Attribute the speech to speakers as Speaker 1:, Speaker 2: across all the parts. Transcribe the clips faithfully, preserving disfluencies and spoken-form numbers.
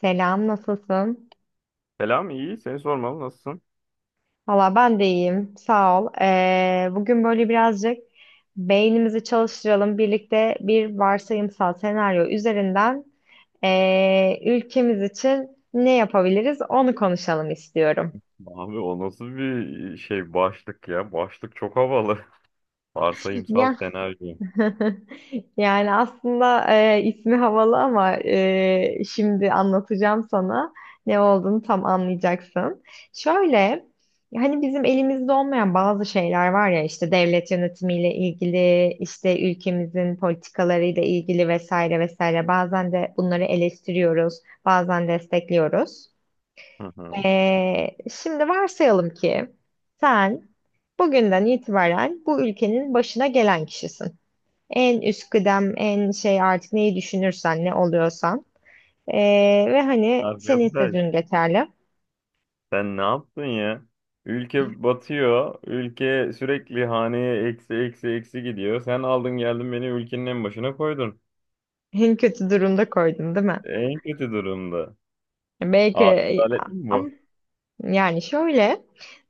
Speaker 1: Selam, nasılsın?
Speaker 2: Selam iyi. Seni sormalı. Nasılsın?
Speaker 1: Valla ben de iyiyim, sağ ol. Ee, bugün böyle birazcık beynimizi çalıştıralım. Birlikte bir varsayımsal senaryo üzerinden ee, ülkemiz için ne yapabiliriz onu konuşalım istiyorum.
Speaker 2: Abi o nasıl bir şey başlık ya? Başlık çok havalı. Varsayımsal
Speaker 1: Ya.
Speaker 2: senaryo.
Speaker 1: Yani aslında e, ismi havalı ama e, şimdi anlatacağım sana ne olduğunu tam anlayacaksın. Şöyle, hani bizim elimizde olmayan bazı şeyler var ya işte devlet yönetimiyle ilgili, işte ülkemizin politikalarıyla ilgili vesaire vesaire. Bazen de bunları eleştiriyoruz, bazen destekliyoruz.
Speaker 2: Hı hı.
Speaker 1: E, şimdi varsayalım ki sen bugünden itibaren bu ülkenin başına gelen kişisin. En üst kıdem, en şey artık neyi düşünürsen, ne oluyorsan. Ee, ve hani senin
Speaker 2: Arkadaş
Speaker 1: sözün yeterli.
Speaker 2: sen ne yaptın ya? Ülke batıyor. Ülke sürekli haneye eksi eksi eksi gidiyor. Sen aldın geldin beni ülkenin en başına koydun.
Speaker 1: En kötü durumda koydum, değil mi?
Speaker 2: En kötü durumda. Aa,
Speaker 1: Belki
Speaker 2: Adalet mi
Speaker 1: ama
Speaker 2: bu?
Speaker 1: yani şöyle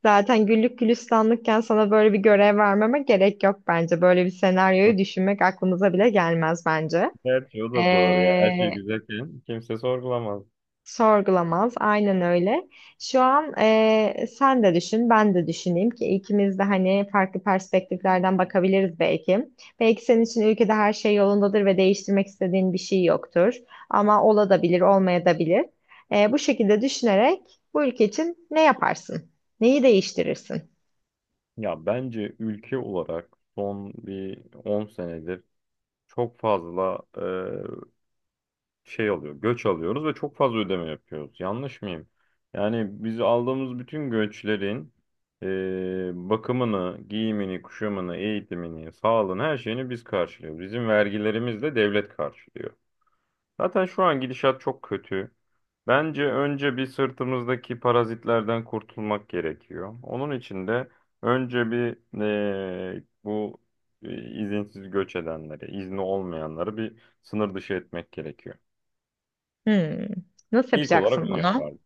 Speaker 1: zaten güllük gülistanlıkken sana böyle bir görev vermeme gerek yok bence. Böyle bir senaryoyu düşünmek aklımıza bile gelmez bence.
Speaker 2: Gerçi o da doğru ya. Her şey
Speaker 1: Ee,
Speaker 2: güzelken kimse sorgulamaz.
Speaker 1: Sorgulamaz. Aynen öyle. Şu an eee, sen de düşün, ben de düşüneyim ki ikimiz de hani farklı perspektiflerden bakabiliriz belki. Belki senin için ülkede her şey yolundadır ve değiştirmek istediğin bir şey yoktur. Ama olabilir, olmayabilir. Eee bu şekilde düşünerek bu ülke için ne yaparsın? Neyi değiştirirsin?
Speaker 2: Ya bence ülke olarak son bir on senedir çok fazla e, şey alıyor, göç alıyoruz ve çok fazla ödeme yapıyoruz. Yanlış mıyım? Yani biz aldığımız bütün göçlerin e, bakımını, giyimini, kuşamını, eğitimini, sağlığını, her şeyini biz karşılıyoruz. Bizim vergilerimizle devlet karşılıyor. Zaten şu an gidişat çok kötü. Bence önce bir sırtımızdaki parazitlerden kurtulmak gerekiyor. Onun için de önce bir eee, bu e, izinsiz göç edenleri, izni olmayanları bir sınır dışı etmek gerekiyor.
Speaker 1: Hmm. Nasıl
Speaker 2: İlk olarak
Speaker 1: yapacaksın
Speaker 2: onu
Speaker 1: bunu?
Speaker 2: yapardım.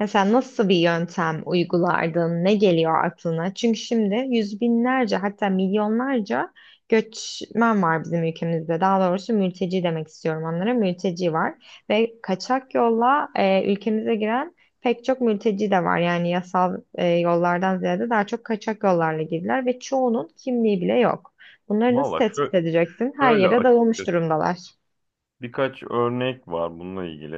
Speaker 1: Mesela nasıl bir yöntem uygulardın? Ne geliyor aklına? Çünkü şimdi yüz binlerce hatta milyonlarca göçmen var bizim ülkemizde. Daha doğrusu mülteci demek istiyorum onlara. Mülteci var ve kaçak yolla e, ülkemize giren pek çok mülteci de var. Yani yasal e, yollardan ziyade daha çok kaçak yollarla girdiler ve çoğunun kimliği bile yok. Bunları nasıl
Speaker 2: Valla şö
Speaker 1: tespit edeceksin? Her
Speaker 2: şöyle
Speaker 1: yere dağılmış
Speaker 2: açıkçası
Speaker 1: durumdalar.
Speaker 2: birkaç örnek var bununla ilgili.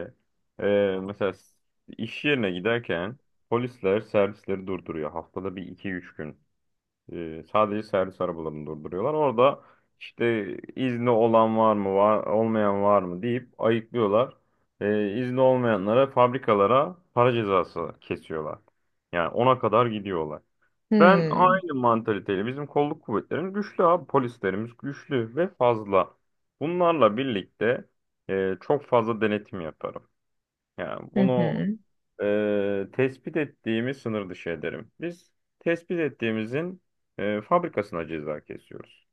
Speaker 2: Eee, mesela s- iş yerine giderken polisler servisleri durduruyor. Haftada bir iki üç gün. Ee, sadece servis arabalarını durduruyorlar. Orada işte izni olan var mı, var, olmayan var mı deyip ayıklıyorlar. Ee, izni olmayanlara fabrikalara para cezası kesiyorlar. Yani ona kadar gidiyorlar. Ben
Speaker 1: Hmm.
Speaker 2: aynı mantaliteyle bizim kolluk kuvvetlerimiz güçlü abi. Polislerimiz güçlü ve fazla. Bunlarla birlikte e, çok fazla denetim yaparım. Yani
Speaker 1: Hı
Speaker 2: bunu
Speaker 1: hı.
Speaker 2: e, tespit ettiğimiz sınır dışı ederim. Biz tespit ettiğimizin e, fabrikasına ceza kesiyoruz.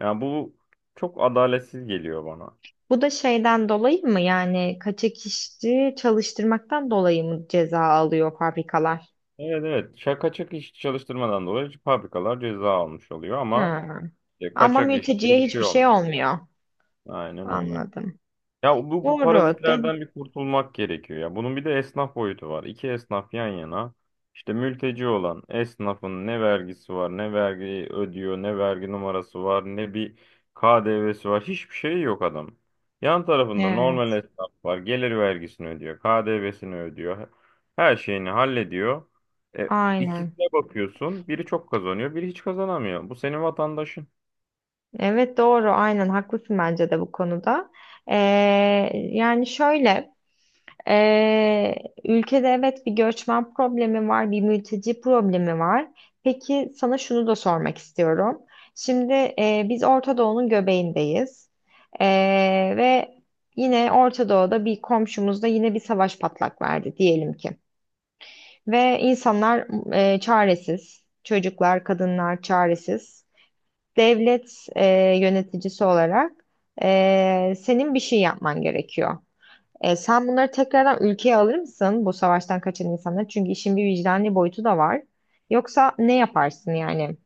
Speaker 2: Yani bu çok adaletsiz geliyor bana.
Speaker 1: Bu da şeyden dolayı mı yani kaçak işçi çalıştırmaktan dolayı mı ceza alıyor fabrikalar?
Speaker 2: Evet, evet, kaçak işçi çalıştırmadan dolayı fabrikalar ceza almış oluyor ama
Speaker 1: Ha.
Speaker 2: e,
Speaker 1: Ama
Speaker 2: kaçak işçi
Speaker 1: mülteciye
Speaker 2: bir şey
Speaker 1: hiçbir şey
Speaker 2: olmuyor.
Speaker 1: olmuyor.
Speaker 2: Aynen öyle.
Speaker 1: Anladım.
Speaker 2: Ya bu, bu
Speaker 1: Doğru. De
Speaker 2: parazitlerden bir kurtulmak gerekiyor ya. Bunun bir de esnaf boyutu var. İki esnaf yan yana. İşte mülteci olan esnafın ne vergisi var, ne vergi ödüyor, ne vergi numarası var, ne bir K D V'si var. Hiçbir şey yok adam. Yan tarafında normal
Speaker 1: evet.
Speaker 2: esnaf var. Gelir vergisini ödüyor, K D V'sini ödüyor. Her şeyini hallediyor. E,
Speaker 1: Aynen.
Speaker 2: ikisine bakıyorsun. Biri çok kazanıyor, biri hiç kazanamıyor. Bu senin vatandaşın.
Speaker 1: Evet doğru. Aynen haklısın bence de bu konuda. Ee, Yani şöyle. Ee, Ülkede evet bir göçmen problemi var, bir mülteci problemi var. Peki sana şunu da sormak istiyorum. Şimdi e, biz Orta Doğu'nun göbeğindeyiz. Ee, ve yine Orta Doğu'da bir komşumuzda yine bir savaş patlak verdi diyelim ki. Ve insanlar e, çaresiz, çocuklar, kadınlar çaresiz. Devlet e, yöneticisi olarak e, senin bir şey yapman gerekiyor. E, sen bunları tekrardan ülkeye alır mısın bu savaştan kaçan insanları? Çünkü işin bir vicdani boyutu da var. Yoksa ne yaparsın yani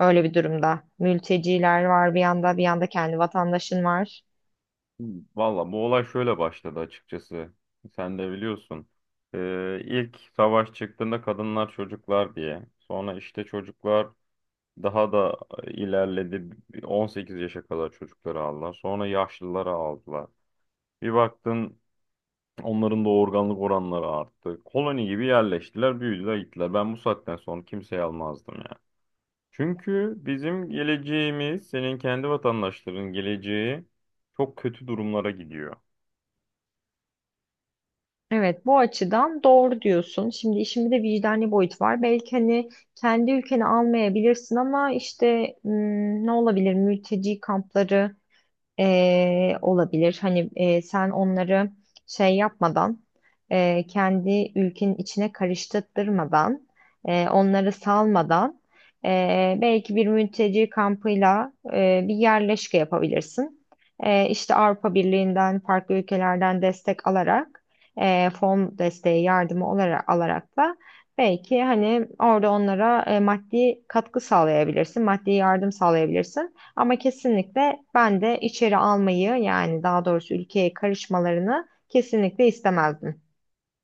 Speaker 1: öyle bir durumda? Mülteciler var bir yanda, bir yanda kendi vatandaşın var.
Speaker 2: Valla bu olay şöyle başladı açıkçası. Sen de biliyorsun. Ee, ilk savaş çıktığında kadınlar çocuklar diye. Sonra işte çocuklar daha da ilerledi. on sekiz yaşa kadar çocukları aldılar. Sonra yaşlıları aldılar. Bir baktın onların da organlık oranları arttı. Koloni gibi yerleştiler, büyüdüler, gittiler. Ben bu saatten sonra kimseyi almazdım ya. Çünkü bizim geleceğimiz, senin kendi vatandaşların geleceği çok kötü durumlara gidiyor.
Speaker 1: Evet, bu açıdan doğru diyorsun. Şimdi işin bir de vicdani boyut var. Belki hani kendi ülkeni almayabilirsin ama işte hmm, ne olabilir? Mülteci kampları e, olabilir. Hani e, sen onları şey yapmadan, e, kendi ülkenin içine karıştırmadan, e, onları salmadan, e, belki bir mülteci kampıyla e, bir yerleşke yapabilirsin. E, işte Avrupa Birliği'nden, farklı ülkelerden destek alarak, e, fon desteği yardımı olarak alarak da belki hani orada onlara e, maddi katkı sağlayabilirsin, maddi yardım sağlayabilirsin. Ama kesinlikle ben de içeri almayı yani daha doğrusu ülkeye karışmalarını kesinlikle istemezdim.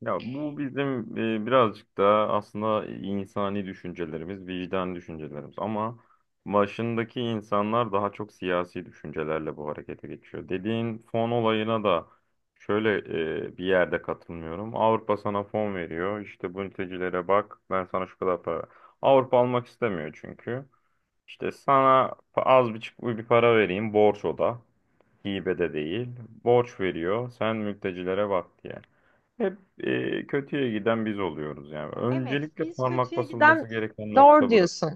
Speaker 2: Ya bu bizim e, birazcık da aslında insani düşüncelerimiz, vicdan düşüncelerimiz ama başındaki insanlar daha çok siyasi düşüncelerle bu harekete geçiyor. Dediğin fon olayına da şöyle e, bir yerde katılmıyorum. Avrupa sana fon veriyor. İşte bu mültecilere bak, ben sana şu kadar para. Avrupa almak istemiyor çünkü. İşte sana pa- az bir, bir para vereyim, borç o da. Hibe de değil. Borç veriyor. Sen mültecilere bak diye. Hep e, kötüye giden biz oluyoruz yani.
Speaker 1: Evet,
Speaker 2: Öncelikle
Speaker 1: biz
Speaker 2: parmak
Speaker 1: kötüye giden
Speaker 2: basılması gereken
Speaker 1: doğru
Speaker 2: nokta burası.
Speaker 1: diyorsun.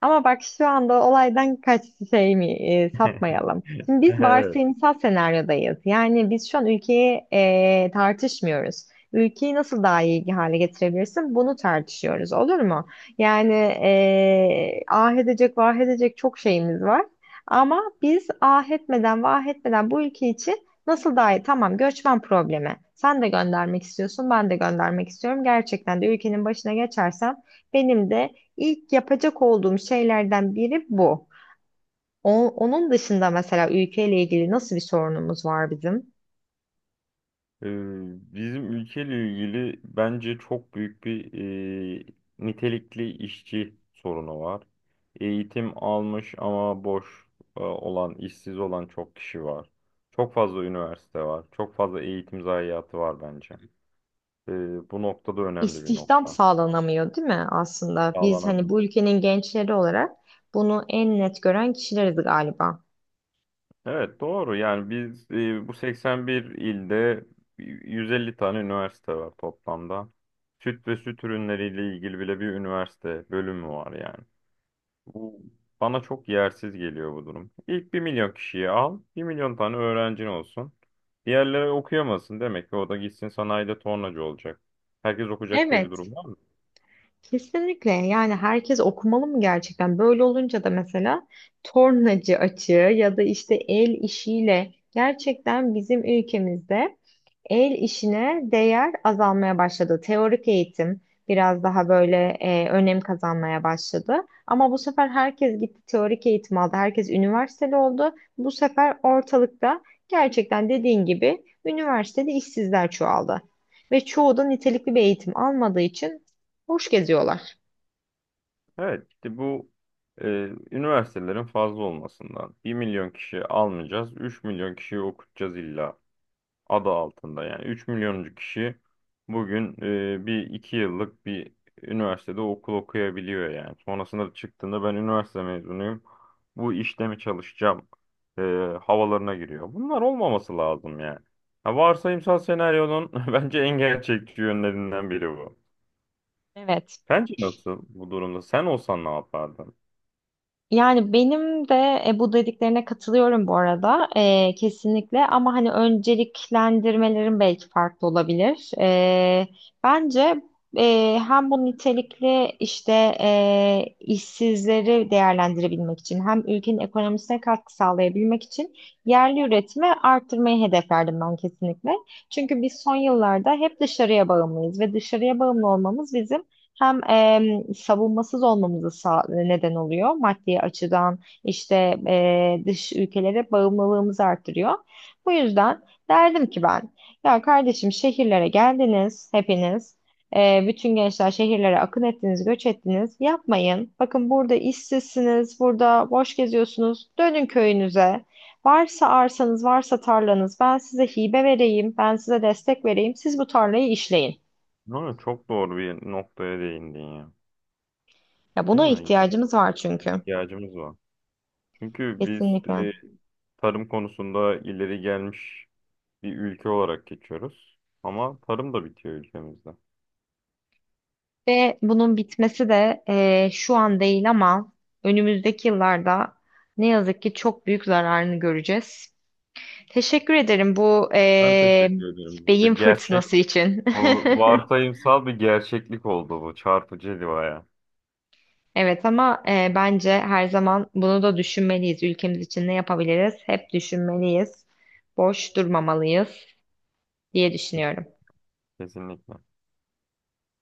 Speaker 1: Ama bak şu anda olaydan kaç şey mi e, sapmayalım. Şimdi biz
Speaker 2: Evet.
Speaker 1: varsayımsal senaryodayız. Yani biz şu an ülkeyi e, tartışmıyoruz. Ülkeyi nasıl daha iyi hale getirebilirsin? Bunu tartışıyoruz, olur mu? Yani e, ah edecek, vah edecek çok şeyimiz var. Ama biz ah etmeden, vah etmeden bu ülke için Nasıl daha Tamam, göçmen problemi. Sen de göndermek istiyorsun, ben de göndermek istiyorum. Gerçekten de ülkenin başına geçersem benim de ilk yapacak olduğum şeylerden biri bu. O- onun dışında mesela ülkeyle ilgili nasıl bir sorunumuz var bizim?
Speaker 2: E, bizim ülkeyle ilgili bence çok büyük bir e, nitelikli işçi sorunu var. Eğitim almış ama boş e, olan, işsiz olan çok kişi var. Çok fazla üniversite var. Çok fazla eğitim zayiatı var bence. E, bu noktada önemli bir
Speaker 1: İstihdam
Speaker 2: nokta.
Speaker 1: sağlanamıyor, değil mi aslında? Biz hani
Speaker 2: Sağlanamıyor.
Speaker 1: bu ülkenin gençleri olarak bunu en net gören kişileriz galiba.
Speaker 2: Evet, doğru yani biz e, bu seksen bir ilde yüz elli tane üniversite var toplamda. Süt ve süt ürünleriyle ilgili bile bir üniversite bölümü var yani. Bu bana çok yersiz geliyor bu durum. İlk bir milyon kişiyi al, bir milyon tane öğrencin olsun. Diğerleri okuyamasın demek ki o da gitsin sanayide tornacı olacak. Herkes okuyacak diye bir
Speaker 1: Evet.
Speaker 2: durum var mı?
Speaker 1: Kesinlikle yani herkes okumalı mı gerçekten? Böyle olunca da mesela tornacı açığı ya da işte el işiyle gerçekten bizim ülkemizde el işine değer azalmaya başladı. Teorik eğitim biraz daha böyle e, önem kazanmaya başladı. Ama bu sefer herkes gitti teorik eğitim aldı. Herkes üniversiteli oldu. Bu sefer ortalıkta gerçekten dediğin gibi üniversitede işsizler çoğaldı. Ve çoğu da nitelikli bir eğitim almadığı için Hoş geziyorlar.
Speaker 2: Evet işte bu e, üniversitelerin fazla olmasından bir milyon kişi almayacağız, üç milyon kişiyi okutacağız illa adı altında. Yani üç milyoncu kişi bugün e, bir iki yıllık bir üniversitede okul okuyabiliyor yani. Sonrasında çıktığında ben üniversite mezunuyum. Bu işte mi çalışacağım e, havalarına giriyor. Bunlar olmaması lazım yani. Ha, varsayımsal senaryonun bence en gerçekçi yönlerinden biri bu.
Speaker 1: Evet.
Speaker 2: Sence nasıl bu durumda? Sen olsan ne yapardın?
Speaker 1: Yani benim de e, bu dediklerine katılıyorum bu arada. E, kesinlikle ama hani önceliklendirmelerin belki farklı olabilir. E, bence e, hem bu nitelikli işte e, işsizleri değerlendirebilmek için hem ülkenin ekonomisine katkı sağlayabilmek için yerli üretimi arttırmayı hedeflerdim ben kesinlikle. Çünkü biz son yıllarda hep dışarıya bağımlıyız ve dışarıya bağımlı olmamız bizim hem em, savunmasız olmamızı sağ- neden oluyor maddi açıdan işte e, dış ülkelere bağımlılığımızı arttırıyor. Bu yüzden derdim ki ben ya kardeşim şehirlere geldiniz hepiniz. E, bütün gençler şehirlere akın ettiniz, göç ettiniz. Yapmayın. Bakın burada işsizsiniz, burada boş geziyorsunuz. Dönün köyünüze. Varsa arsanız, varsa tarlanız, ben size hibe vereyim, ben size destek vereyim. Siz bu tarlayı işleyin.
Speaker 2: Ama çok doğru bir noktaya değindin ya.
Speaker 1: Ya
Speaker 2: Değil
Speaker 1: buna
Speaker 2: mi? Yani
Speaker 1: ihtiyacımız var çünkü.
Speaker 2: ihtiyacımız var. Çünkü biz
Speaker 1: Kesinlikle.
Speaker 2: tarım konusunda ileri gelmiş bir ülke olarak geçiyoruz. Ama tarım da bitiyor ülkemizde.
Speaker 1: Ve bunun bitmesi de eee, şu an değil ama önümüzdeki yıllarda ne yazık ki çok büyük zararını göreceğiz. Teşekkür ederim bu
Speaker 2: Ben
Speaker 1: eee,
Speaker 2: teşekkür ederim.
Speaker 1: beyin
Speaker 2: Bu gerçek,
Speaker 1: fırtınası için.
Speaker 2: bu varsayımsal bir gerçeklik oldu bu çarpıcı bir.
Speaker 1: Evet ama eee, bence her zaman bunu da düşünmeliyiz. Ülkemiz için ne yapabiliriz? Hep düşünmeliyiz. Boş durmamalıyız diye düşünüyorum.
Speaker 2: Kesinlikle.